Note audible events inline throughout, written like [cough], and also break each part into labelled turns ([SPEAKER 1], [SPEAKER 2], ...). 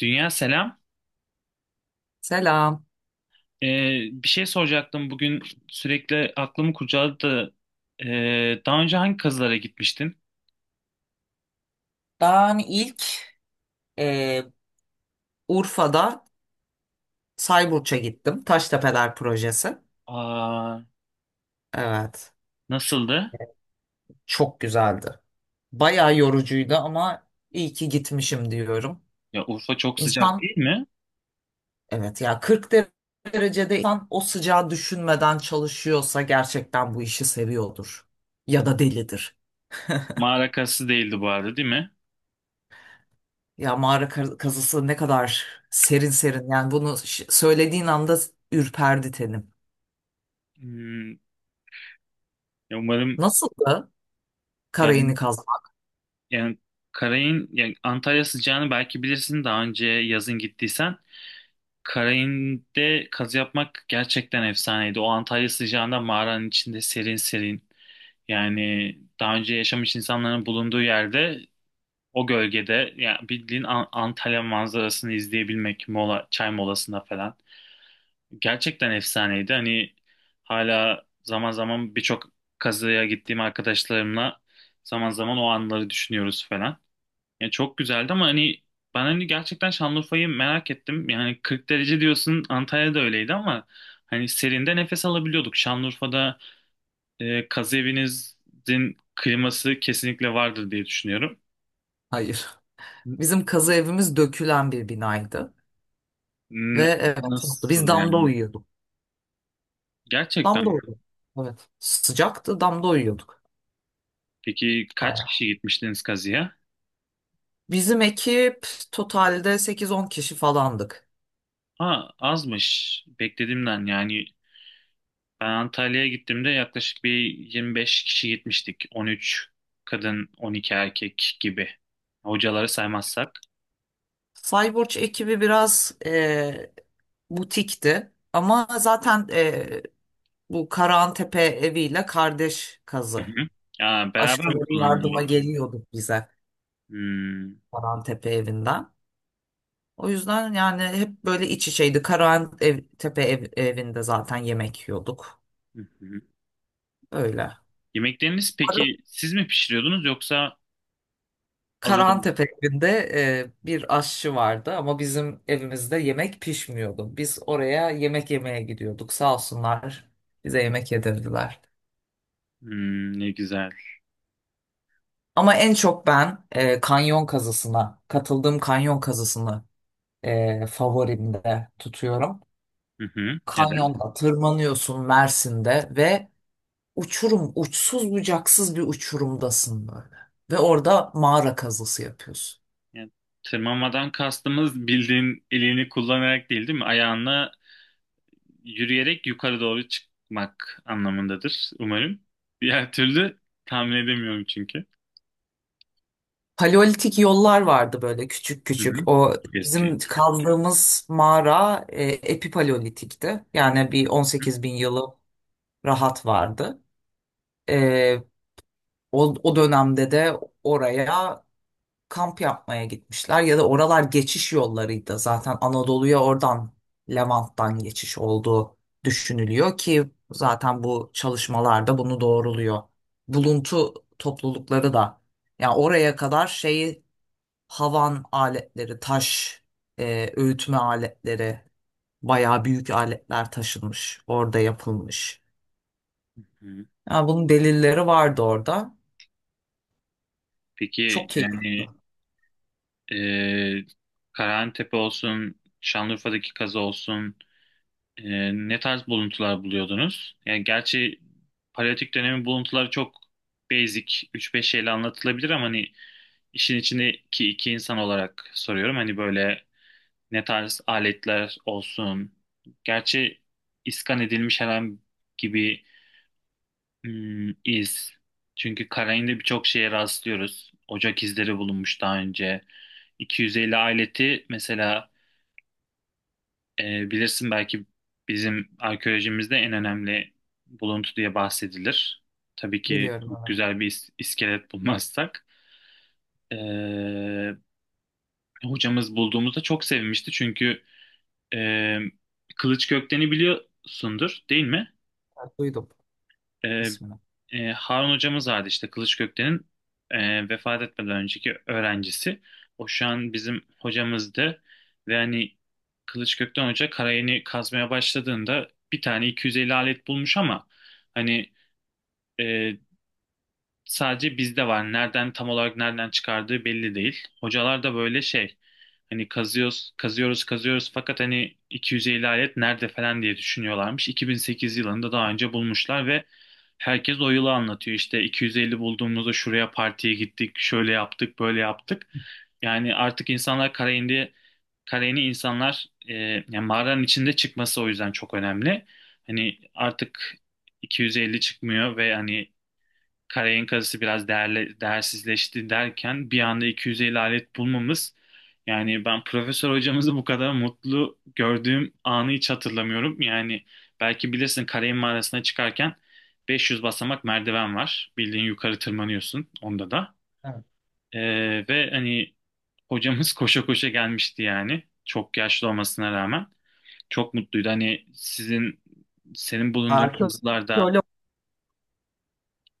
[SPEAKER 1] Dünya selam.
[SPEAKER 2] Selam.
[SPEAKER 1] Ee, Bir şey soracaktım bugün sürekli aklımı kurcaladı da daha önce hangi kazılara gitmiştin?
[SPEAKER 2] Ben ilk e, Urfa'da Sayburç'a gittim. Taştepeler projesi.
[SPEAKER 1] Aa,
[SPEAKER 2] Evet.
[SPEAKER 1] nasıldı?
[SPEAKER 2] Çok güzeldi. Bayağı yorucuydu ama iyi ki gitmişim diyorum.
[SPEAKER 1] Ya Urfa çok sıcak
[SPEAKER 2] İnsan,
[SPEAKER 1] değil mi?
[SPEAKER 2] evet ya, 40 derecede insan o sıcağı düşünmeden çalışıyorsa gerçekten bu işi seviyordur. Ya da delidir.
[SPEAKER 1] Mağara kazısı değildi bu arada değil mi?
[SPEAKER 2] Ya mağara kazısı ne kadar serin serin. Yani bunu söylediğin anda ürperdi tenim.
[SPEAKER 1] Hmm, ya umarım
[SPEAKER 2] Nasıldı karayını
[SPEAKER 1] yani,
[SPEAKER 2] kazmak?
[SPEAKER 1] yani Karayın, yani Antalya sıcağını belki bilirsin daha önce yazın gittiysen. Karayin'de kazı yapmak gerçekten efsaneydi. O Antalya sıcağında mağaranın içinde serin serin. Yani daha önce yaşamış insanların bulunduğu yerde o gölgede, yani bildiğin Antalya manzarasını izleyebilmek mola, çay molasında falan. Gerçekten efsaneydi. Hani hala zaman zaman birçok kazıya gittiğim arkadaşlarımla zaman zaman o anları düşünüyoruz falan. Yani çok güzeldi ama hani ben hani gerçekten Şanlıurfa'yı merak ettim. Yani 40 derece diyorsun, Antalya'da öyleydi ama hani serinde nefes alabiliyorduk. Şanlıurfa'da kazı evinizin kliması kesinlikle vardır diye düşünüyorum.
[SPEAKER 2] Hayır. Bizim kazı evimiz dökülen bir binaydı. Ve
[SPEAKER 1] N-
[SPEAKER 2] evet, haklı. Biz
[SPEAKER 1] Nasıl
[SPEAKER 2] damda
[SPEAKER 1] yani?
[SPEAKER 2] uyuyorduk.
[SPEAKER 1] Gerçekten
[SPEAKER 2] Damda
[SPEAKER 1] mi?
[SPEAKER 2] uyuyorduk. Evet. Sıcaktı, damda uyuyorduk.
[SPEAKER 1] Peki kaç
[SPEAKER 2] Bayağı.
[SPEAKER 1] kişi gitmiştiniz kazıya?
[SPEAKER 2] Bizim ekip totalde sekiz on kişi falandık.
[SPEAKER 1] Ha, azmış. Beklediğimden. Yani ben Antalya'ya gittiğimde yaklaşık bir 25 kişi gitmiştik. 13 kadın, 12 erkek gibi. Hocaları saymazsak.
[SPEAKER 2] Cyborg ekibi biraz butikti. Ama zaten bu Karahantepe eviyle kardeş
[SPEAKER 1] Hı
[SPEAKER 2] kazı.
[SPEAKER 1] hı. Ya, beraber mi
[SPEAKER 2] Başkaları yardıma
[SPEAKER 1] kullanılıyor?
[SPEAKER 2] geliyordu bize
[SPEAKER 1] Hmm.
[SPEAKER 2] Karahantepe evinden. O yüzden yani hep böyle iç içeydi. Karahan ev, Tepe ev- evinde zaten yemek yiyorduk.
[SPEAKER 1] Hı hı.
[SPEAKER 2] Öyle.
[SPEAKER 1] Yemekleriniz peki siz mi pişiriyordunuz, yoksa alıyor?
[SPEAKER 2] Karahan tepe evinde bir aşçı vardı ama bizim evimizde yemek pişmiyordu. Biz oraya yemek yemeye gidiyorduk. Sağ olsunlar, bize yemek yedirdiler.
[SPEAKER 1] Hmm, ne güzel.
[SPEAKER 2] Ama en çok ben katıldığım kanyon kazısını favorimde tutuyorum.
[SPEAKER 1] Hı hı. Neden?
[SPEAKER 2] Kanyonda tırmanıyorsun Mersin'de ve uçurum, uçsuz bucaksız bir uçurumdasın böyle. Ve orada mağara kazısı yapıyorsun.
[SPEAKER 1] Yani tırmanmadan kastımız bildiğin elini kullanarak değil, değil mi? Ayağınla yürüyerek yukarı doğru çıkmak anlamındadır umarım. Diğer türlü tahmin edemiyorum çünkü.
[SPEAKER 2] Paleolitik yollar vardı böyle küçük
[SPEAKER 1] Hı
[SPEAKER 2] küçük.
[SPEAKER 1] hı.
[SPEAKER 2] O
[SPEAKER 1] Çok eski.
[SPEAKER 2] bizim kazdığımız mağara epipaleolitikti. Yani bir
[SPEAKER 1] Hı
[SPEAKER 2] 18 bin yılı rahat vardı. E, o dönemde de oraya kamp yapmaya gitmişler ya da oralar geçiş yollarıydı. Zaten Anadolu'ya oradan Levant'tan geçiş olduğu düşünülüyor ki zaten bu çalışmalarda bunu doğruluyor. Buluntu toplulukları da yani oraya kadar şeyi, havan aletleri, taş öğütme aletleri, bayağı büyük aletler taşınmış, orada yapılmış.
[SPEAKER 1] hı.
[SPEAKER 2] Yani bunun delilleri vardı orada. Çok
[SPEAKER 1] Peki
[SPEAKER 2] keyifli.
[SPEAKER 1] yani e, Karahantepe olsun, Şanlıurfa'daki kazı olsun, ne tarz buluntular buluyordunuz? Yani gerçi paleolitik dönemin buluntuları çok basic, üç beş şeyle anlatılabilir ama hani işin içindeki iki insan olarak soruyorum. Hani böyle ne tarz aletler olsun. Gerçi iskan edilmiş herhangi gibi, hmm, iz. Çünkü Karain'de birçok şeye rastlıyoruz. Ocak izleri bulunmuş daha önce. 250 aleti mesela, bilirsin belki, bizim arkeolojimizde en önemli buluntu diye bahsedilir. Tabii ki
[SPEAKER 2] Biliyorum,
[SPEAKER 1] çok
[SPEAKER 2] evet.
[SPEAKER 1] güzel bir iskelet bulmazsak. E, Hocamız bulduğumuzda çok sevinmişti çünkü e, Kılıç Gökten'i biliyorsundur değil mi?
[SPEAKER 2] Evet, duydum
[SPEAKER 1] E,
[SPEAKER 2] ismini.
[SPEAKER 1] Harun hocamız vardı işte, Kılıç Gökten'in vefat etmeden önceki öğrencisi. O şu an bizim hocamızdı ve hani Kılıç Gökten hoca karayeni kazmaya başladığında bir tane 250 alet bulmuş ama hani e, sadece bizde var. Nereden, tam olarak nereden çıkardığı belli değil. Hocalar da böyle şey, hani kazıyoruz kazıyoruz kazıyoruz fakat hani 250 alet nerede falan diye düşünüyorlarmış. 2008 yılında daha önce bulmuşlar ve herkes o yılı anlatıyor. İşte 250 bulduğumuzda şuraya partiye gittik, şöyle yaptık, böyle yaptık. Yani artık insanlar Karayeni insanlar, yani mağaranın içinde çıkması o yüzden çok önemli. Hani artık 250 çıkmıyor ve hani Karayın kazısı biraz değerli, değersizleşti derken bir anda 250 alet bulmamız, yani ben profesör hocamızı bu kadar mutlu gördüğüm anı hiç hatırlamıyorum. Yani belki bilirsin, Karayın mağarasına çıkarken 500 basamak merdiven var. Bildiğin yukarı tırmanıyorsun onda da. Ve hani hocamız [laughs] koşa koşa gelmişti yani. Çok yaşlı olmasına rağmen. Çok mutluydu. Hani senin bulunduğun
[SPEAKER 2] Arke-
[SPEAKER 1] kızlarda.
[SPEAKER 2] Arkeolog,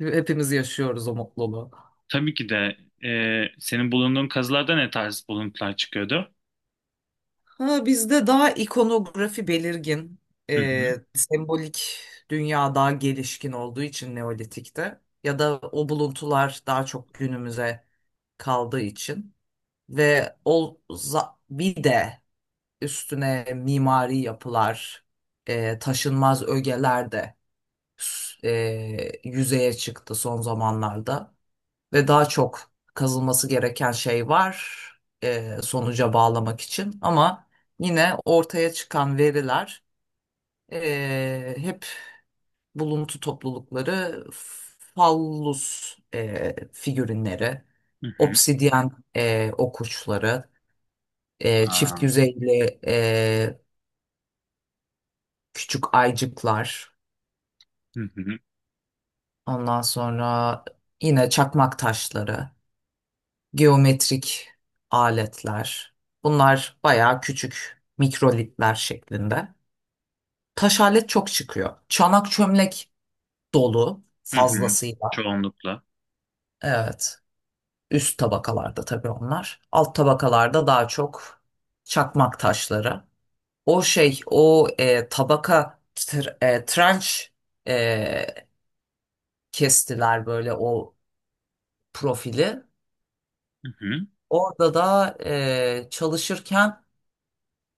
[SPEAKER 2] hepimiz yaşıyoruz o mutluluğu.
[SPEAKER 1] Tabii ki de, senin bulunduğun kazılarda ne tarz buluntular çıkıyordu?
[SPEAKER 2] Ha, bizde daha ikonografi belirgin,
[SPEAKER 1] Hı hı,
[SPEAKER 2] sembolik dünya daha gelişkin olduğu için Neolitik'te ya da o buluntular daha çok günümüze kaldığı için ve bir de üstüne mimari yapılar, taşınmaz ögeler de yüzeye çıktı son zamanlarda. Ve daha çok kazılması gereken şey var, sonuca bağlamak için. Ama yine ortaya çıkan veriler hep buluntu toplulukları, fallus figürinleri,
[SPEAKER 1] hı hı.
[SPEAKER 2] obsidyen okuçları, çift
[SPEAKER 1] Aa,
[SPEAKER 2] yüzeyli e, küçük aycıklar,
[SPEAKER 1] hı hı,
[SPEAKER 2] ondan sonra yine çakmak taşları, geometrik aletler. Bunlar bayağı küçük mikrolitler şeklinde. Taş alet çok çıkıyor. Çanak çömlek dolu
[SPEAKER 1] hı hı.
[SPEAKER 2] fazlasıyla.
[SPEAKER 1] Çoğunlukla.
[SPEAKER 2] Evet. Üst tabakalarda tabii onlar. Alt tabakalarda daha çok çakmak taşları. O şey, tabaka trenç, e, kestiler böyle o profili.
[SPEAKER 1] Hı hı.
[SPEAKER 2] Orada da çalışırken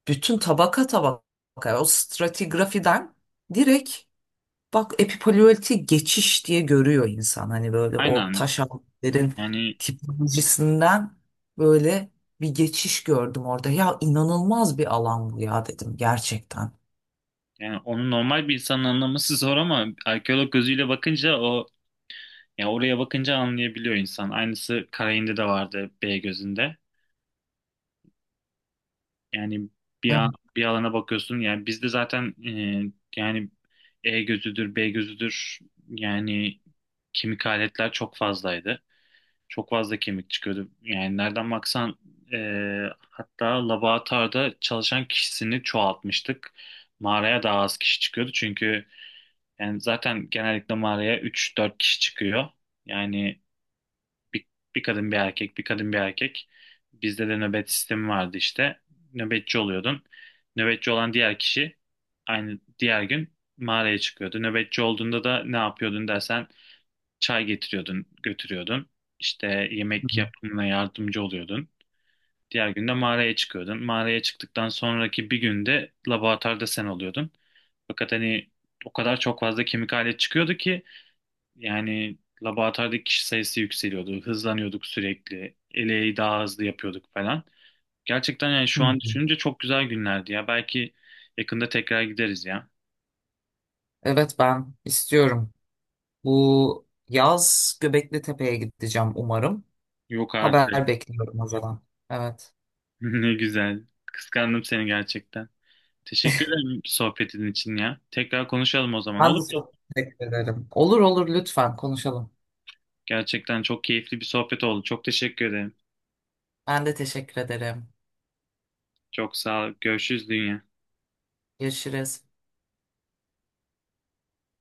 [SPEAKER 2] bütün tabaka tabaka o stratigrafiden direkt, bak, epipaleolitik geçiş diye görüyor insan. Hani böyle o
[SPEAKER 1] Aynen.
[SPEAKER 2] taş altların
[SPEAKER 1] Yani,
[SPEAKER 2] tipolojisinden böyle bir geçiş gördüm orada. Ya inanılmaz bir alan bu ya dedim gerçekten.
[SPEAKER 1] yani onu normal bir insanın anlaması zor ama arkeolog gözüyle bakınca o, ya oraya bakınca anlayabiliyor insan. Aynısı Karayin'de de vardı, B gözünde. Yani
[SPEAKER 2] Evet.
[SPEAKER 1] bir alana bakıyorsun. Yani bizde zaten yani E gözüdür, B gözüdür. Yani kemik aletler çok fazlaydı. Çok fazla kemik çıkıyordu. Yani nereden baksan, e, hatta laboratuvarda çalışan kişisini çoğaltmıştık. Mağaraya daha az kişi çıkıyordu. Çünkü yani zaten genellikle mağaraya 3-4 kişi çıkıyor. Yani bir, bir kadın bir erkek, bir kadın bir erkek. Bizde de nöbet sistemi vardı işte. Nöbetçi oluyordun. Nöbetçi olan diğer kişi aynı diğer gün mağaraya çıkıyordu. Nöbetçi olduğunda da ne yapıyordun dersen, çay getiriyordun, götürüyordun. İşte
[SPEAKER 2] Hı
[SPEAKER 1] yemek
[SPEAKER 2] hı.
[SPEAKER 1] yapımına yardımcı oluyordun. Diğer günde mağaraya çıkıyordun. Mağaraya çıktıktan sonraki bir günde laboratuvarda sen oluyordun. Fakat hani o kadar çok fazla kemik alet çıkıyordu ki yani laboratuvardaki kişi sayısı yükseliyordu. Hızlanıyorduk sürekli. Eleği daha hızlı yapıyorduk falan. Gerçekten yani
[SPEAKER 2] Hı
[SPEAKER 1] şu an
[SPEAKER 2] hı.
[SPEAKER 1] düşününce çok güzel günlerdi ya. Belki yakında tekrar gideriz ya.
[SPEAKER 2] Evet, ben istiyorum. Bu yaz Göbekli Tepe'ye gideceğim umarım.
[SPEAKER 1] Yok artık.
[SPEAKER 2] Haber
[SPEAKER 1] [laughs]
[SPEAKER 2] bekliyorum o zaman. Evet.
[SPEAKER 1] Ne güzel. Kıskandım seni gerçekten. Teşekkür ederim sohbetin için ya. Tekrar konuşalım o zaman,
[SPEAKER 2] Ben de
[SPEAKER 1] olur mu?
[SPEAKER 2] çok teşekkür ederim. Olur olur, lütfen konuşalım.
[SPEAKER 1] Gerçekten çok keyifli bir sohbet oldu. Çok teşekkür ederim.
[SPEAKER 2] Ben de teşekkür ederim.
[SPEAKER 1] Çok sağ ol. Görüşürüz dünya.
[SPEAKER 2] Görüşürüz.